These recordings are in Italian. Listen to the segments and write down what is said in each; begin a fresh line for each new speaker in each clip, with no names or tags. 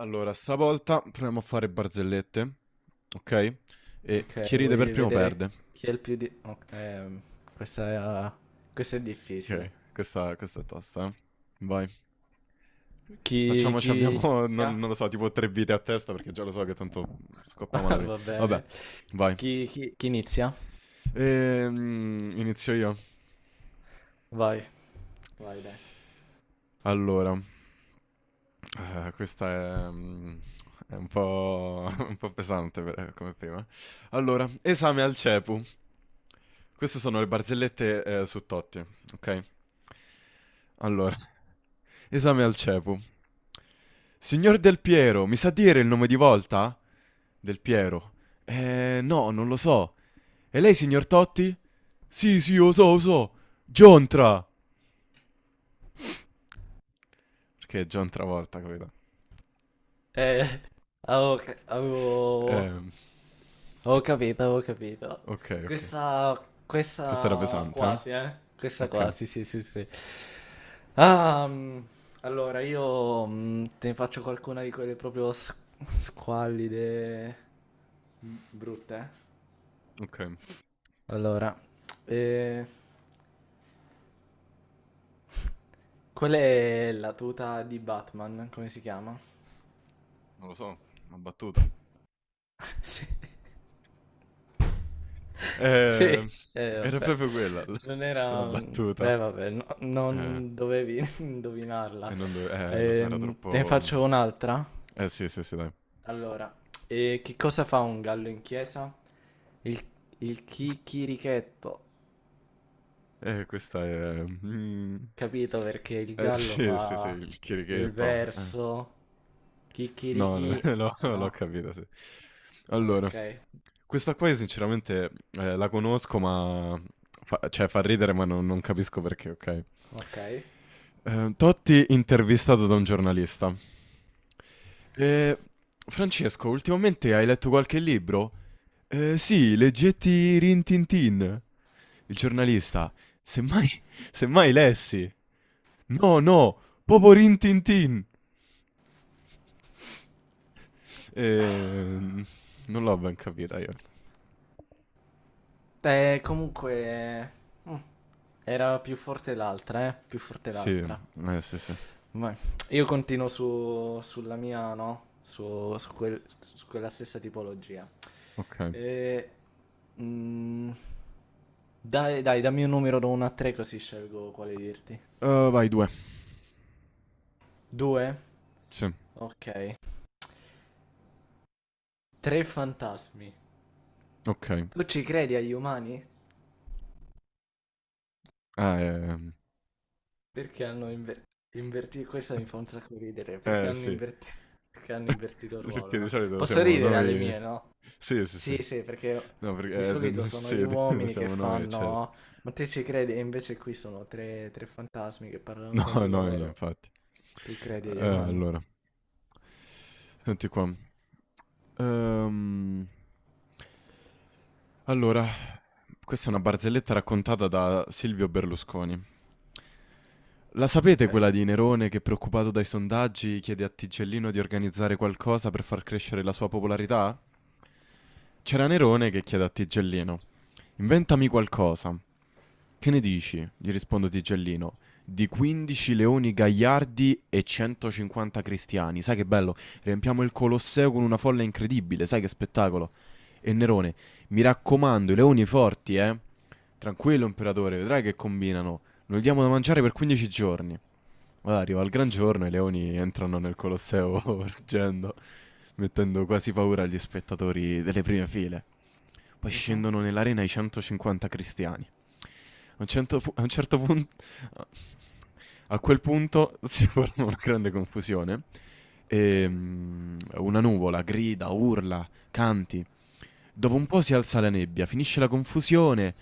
Allora, stavolta proviamo a fare barzellette, ok? E chi
Ok,
ride per
vuoi
primo
vedere
perde.
chi è il più di... ok, questa è, questa è difficile.
Ok, questa è tosta, eh. Vai.
Chi,
Facciamoci,
chi
abbiamo,
inizia?
non lo so, tipo tre vite a testa perché già lo so che tanto scoppiamo la prima.
Va
Vabbè,
bene.
vai.
Chi inizia?
Inizio io.
Vai. Vai, dai.
Allora, questa è, è un po', un po' pesante come prima. Allora, esame al CEPU. Queste sono le barzellette su Totti, ok? Allora, esame al CEPU. Signor Del Piero, mi sa dire il nome di volta? Del Piero. No, non lo so. E lei, signor Totti? Sì, sì, lo so, lo so. Giontra. Perché è John Travolta quello.
Eh, ok,
Ehm,
avevo capito, avevo capito.
ok.
Questa,
Questa era
questa
pesante, eh?
quasi, eh? Questa
Ok,
quasi, sì, sì, sì. Ah, allora, io te ne faccio qualcuna di quelle proprio squallide, brutte, eh.
ok.
Allora, eh, qual è la tuta di Batman? Come si chiama?
Non lo so, una battuta.
Sì, sì,
Ehm, Era
vabbè,
proprio quella, la,
non
la
era...
battuta.
Beh, vabbè,
Eh,
non dovevi
e
indovinarla.
non dove... lo so, era
Te ne
troppo...
faccio un'altra?
Sì, sì, sì, dai.
Allora, che cosa fa un gallo in chiesa? Il, il chicchirichetto,
Questa è...
capito? Perché il gallo
Sì, sì, sì,
fa
il
il
chierichetto, eh.
verso,
No, no,
chicchirichì,
l'ho
no?
capito, sì. Allora,
Ok,
questa qua io sinceramente la conosco, ma... Fa, cioè, fa ridere, ma non capisco perché, ok?
ok.
Totti intervistato da un giornalista. Eh, Francesco, ultimamente hai letto qualche libro? Sì, leggetti Rintintin. Il giornalista, semmai, semmai lessi. No, no, proprio Rintintin. Eh, non l'ho ben capita io.
Comunque, mm, era più forte l'altra, eh? Più forte
Sì,
l'altra.
sì, sì.
Ma io continuo su, sulla mia, no? Su, su quella stessa tipologia.
Okay.
E, mm, dai, dai, dammi un numero da 1 a 3 così scelgo quale dirti.
Vai 2.
2?
Sì,
Ok. Tre fantasmi.
okay.
Tu ci credi agli umani?
Ah,
Perché hanno invertito... Questo mi fa un sacco ridere.
sì.
Perché hanno invertito il ruolo,
Perché di
no?
solito
Posso
siamo
ridere alle
noi,
mie, no?
sì, sì,
Sì,
sì.
sì, perché
No, perché,
di
d
solito
n
sono gli
sì, d
uomini che
siamo noi, cer
fanno, ma te ci credi? E invece qui sono tre fantasmi che parlano tra
no, no,
loro.
infatti.
Tu credi agli umani?
Allora, senti qua. Ehm, allora, questa è una barzelletta raccontata da Silvio Berlusconi. La sapete
Ok.
quella di Nerone che, preoccupato dai sondaggi, chiede a Tigellino di organizzare qualcosa per far crescere la sua popolarità? C'era Nerone che chiede a Tigellino: inventami qualcosa. Che ne dici? Gli risponde Tigellino, di 15 leoni gagliardi e 150 cristiani. Sai che bello? Riempiamo il Colosseo con una folla incredibile, sai che spettacolo? E Nerone, mi raccomando, i leoni forti, eh? Tranquillo, imperatore, vedrai che combinano. Noi diamo da mangiare per 15 giorni. Allora arriva il gran giorno e i leoni entrano nel Colosseo ruggendo, mettendo quasi paura agli spettatori delle prime file. Poi
Mhm,
scendono nell'arena i 150 cristiani. A un certo punto a a quel punto si forma una grande confusione.
ok.
Una nuvola grida, urla, canti. Dopo un po' si alza la nebbia, finisce la confusione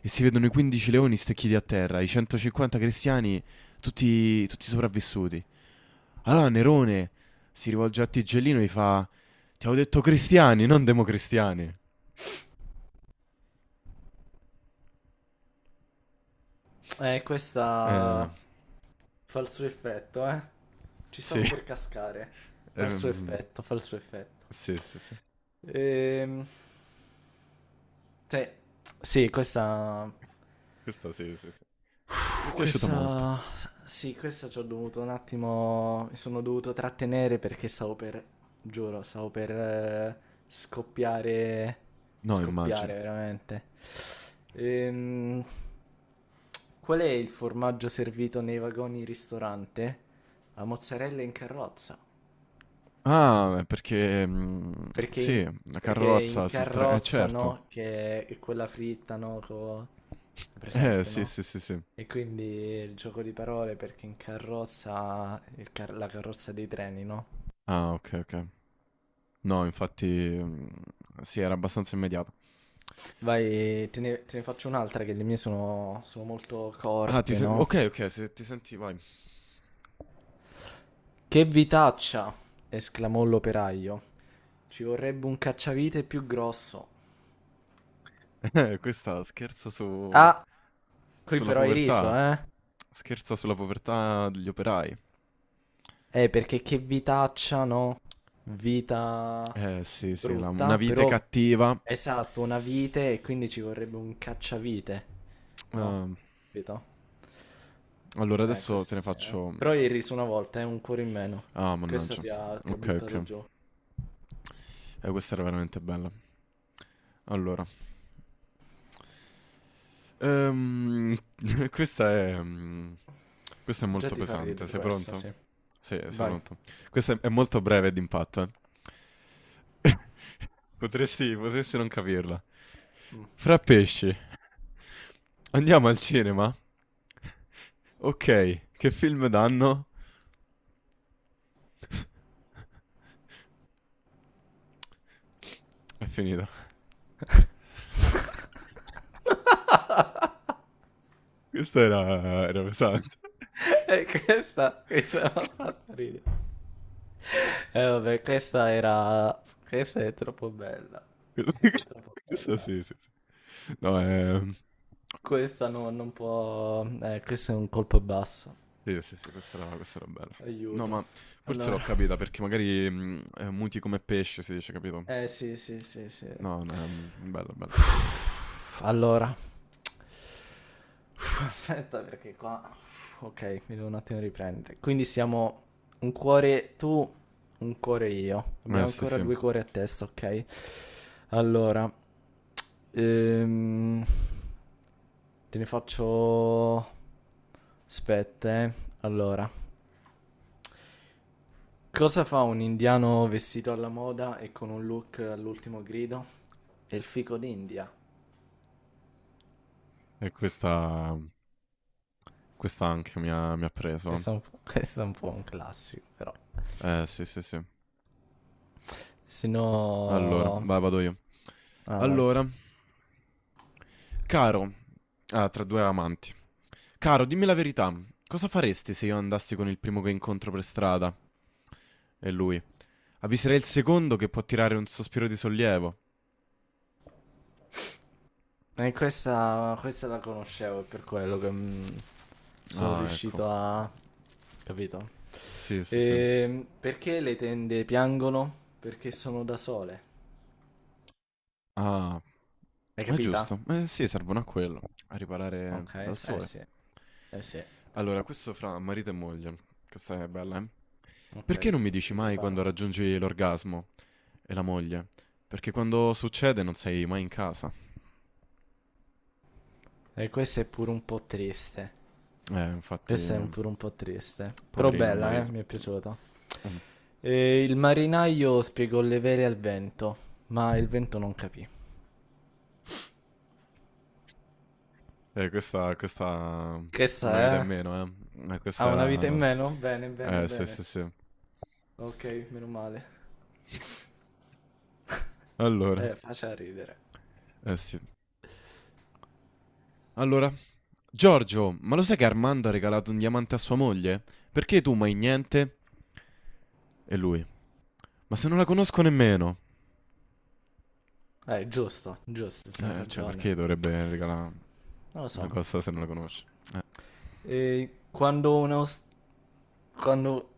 e si vedono i 15 leoni stecchiti a terra, i 150 cristiani tutti sopravvissuti. Allora Nerone si rivolge a Tigellino e gli fa: ti avevo detto cristiani, non democristiani. Eh,
Questa fa il suo effetto, eh. Ci
sì.
stavo per cascare. Fa il suo
Ehm,
effetto, fa il suo effetto.
sì, sì, sì.
Ehm... Sì, sì, questa
Questa sì, sì, sì. Mi è
Puh,
piaciuta molto.
questa. Sì, questa ci ho dovuto un attimo. Mi sono dovuto trattenere perché stavo per. Giuro, stavo per scoppiare.
No,
Scoppiare
immagino.
veramente. Ehm, qual è il formaggio servito nei vagoni ristorante? La mozzarella in carrozza.
Ah, è perché...
Perché in,
sì, la
perché in
carrozza sul treno...
carrozza,
certo.
no? Che è quella fritta, no? Presente,
Sì,
no?
sì, sì, sì.
E quindi il gioco di parole perché in carrozza, la carrozza dei treni, no?
Ah, ok, ok. No, infatti... sì, era abbastanza immediato.
Vai, te ne faccio un'altra che le mie sono, sono molto
Ah,
corte, no?
ok, ok, se ti senti, vai.
Che vitaccia! Esclamò l'operaio. Ci vorrebbe un cacciavite più grosso.
Questa scherza su...
Ah, qui
sulla
però hai riso,
povertà.
eh?
Scherza sulla povertà degli operai.
Perché che vitaccia, no? Vita
Sì, sì, una
brutta,
vite
però
cattiva.
esatto, una vite e quindi ci vorrebbe un cacciavite, no?
Ehm,
Capito?
Allora adesso te
Questa
ne
sì, eh.
faccio...
Però ieri su una volta è un cuore in meno.
Ah,
Questa
mannaggia.
ti ha
Ok,
buttato
ok.
giù.
Questa era veramente bella. Allora. Ehm, questa è... questa è
Già
molto
ti fa
pesante.
ridere
Sei
questa,
pronto?
sì.
Sì, sei
Vai.
pronto. Questa è molto breve e d'impatto, eh. Potresti non capirla.
Mm.
Fra pesci, andiamo al cinema? Ok, che film danno? È finita. Questo era, era pesante.
Questa mi ha fatto ridere. Vabbè, questa era... Questa è troppo bella. Questa è troppo
Questo
bella.
sì, sì, sì. No, è...
Questa no, non può... questo è un colpo basso.
Sì, sì, sì, questa era bella. No,
Aiuto.
ma forse l'ho
Allora.
capita perché magari muti come pesce, si dice, capito?
Eh sì, sì, sì, sì.
No, no, è bello, bello.
Uff, allora, Uff, aspetta perché qua... Ok, mi devo un attimo riprendere. Quindi siamo un cuore tu, un cuore io. Abbiamo
Sì,
ancora
sì.
due cuori a testa, ok? Allora, ehm, te ne faccio... Aspetta, eh. Allora. Cosa fa un indiano vestito alla moda e con un look all'ultimo grido? È il fico d'India.
E questa anche mi ha preso.
Questo è un po', questo è un po' un classico, però.
Sì, sì, sì.
Se
Allora,
no...
vai, vado io.
Ah, vai.
Allora, caro, tra due amanti. Caro, dimmi la verità. Cosa faresti se io andassi con il primo che incontro per strada? E lui. Avviserei il secondo che può tirare un sospiro di sollievo.
E questa la conoscevo, è per quello che sono
Ah, ecco.
riuscito a... Capito?
Sì, sì, sì.
Perché le tende piangono? Perché sono da sole.
Ah,
Hai
è
capita?
giusto. Eh sì, servono a quello, a riparare
Ok,
dal
eh
sole.
sì, eh sì,
Allora, questo fra marito e moglie. Questa è bella, eh?
ok,
Perché non mi dici
mi
mai quando
preparo.
raggiungi l'orgasmo? E la moglie? Perché quando succede non sei mai in casa.
E questa è pure un po' triste.
Infatti,
Questa è un pure un po' triste, però
poverino il
bella, eh?
marito.
Mi è piaciuta.
Mm.
E il marinaio spiegò le vele al vento, ma il vento non capì.
Questa...
Questa
Una vita in
è...
meno, eh?
Ha
Questa
una vita in
era...
meno? Bene, bene,
Sì, sì,
bene.
sì.
Ok, meno male.
Allora.
Faccia ridere.
Eh sì. Allora, Giorgio, ma lo sai che Armando ha regalato un diamante a sua moglie? Perché tu mai niente? E lui, ma se non la conosco nemmeno.
Giusto, giusto, c'ha
Cioè,
ragione.
perché dovrebbe regalare
Non lo
una
so.
cosa se non la conosce? Eh,
E quando un... quando...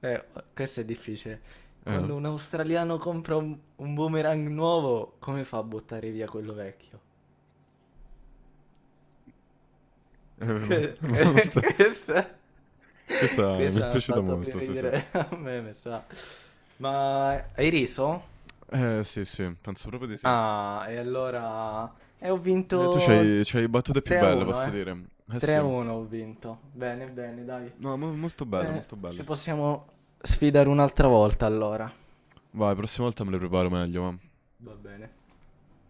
Eh, questo è difficile.
eh?
Quando un australiano compra un boomerang nuovo, come fa a buttare via quello vecchio?
Eh, mo- molto-
Questa,
questa mi è
questa mi ha
piaciuta
fatto più
molto, sì, sì.
ridere a me, mi sa. Ma hai riso?
Sì, sì, penso proprio di sì.
Ah, e allora... E ho
Tu
vinto
c'hai battute più belle,
3-1,
posso
eh.
dire. Eh sì.
3-1 ho vinto. Bene, bene, dai.
No, molto belle, molto
Ci
belle.
possiamo sfidare un'altra volta allora.
Vai, prossima volta me le preparo meglio, ma.
Va bene.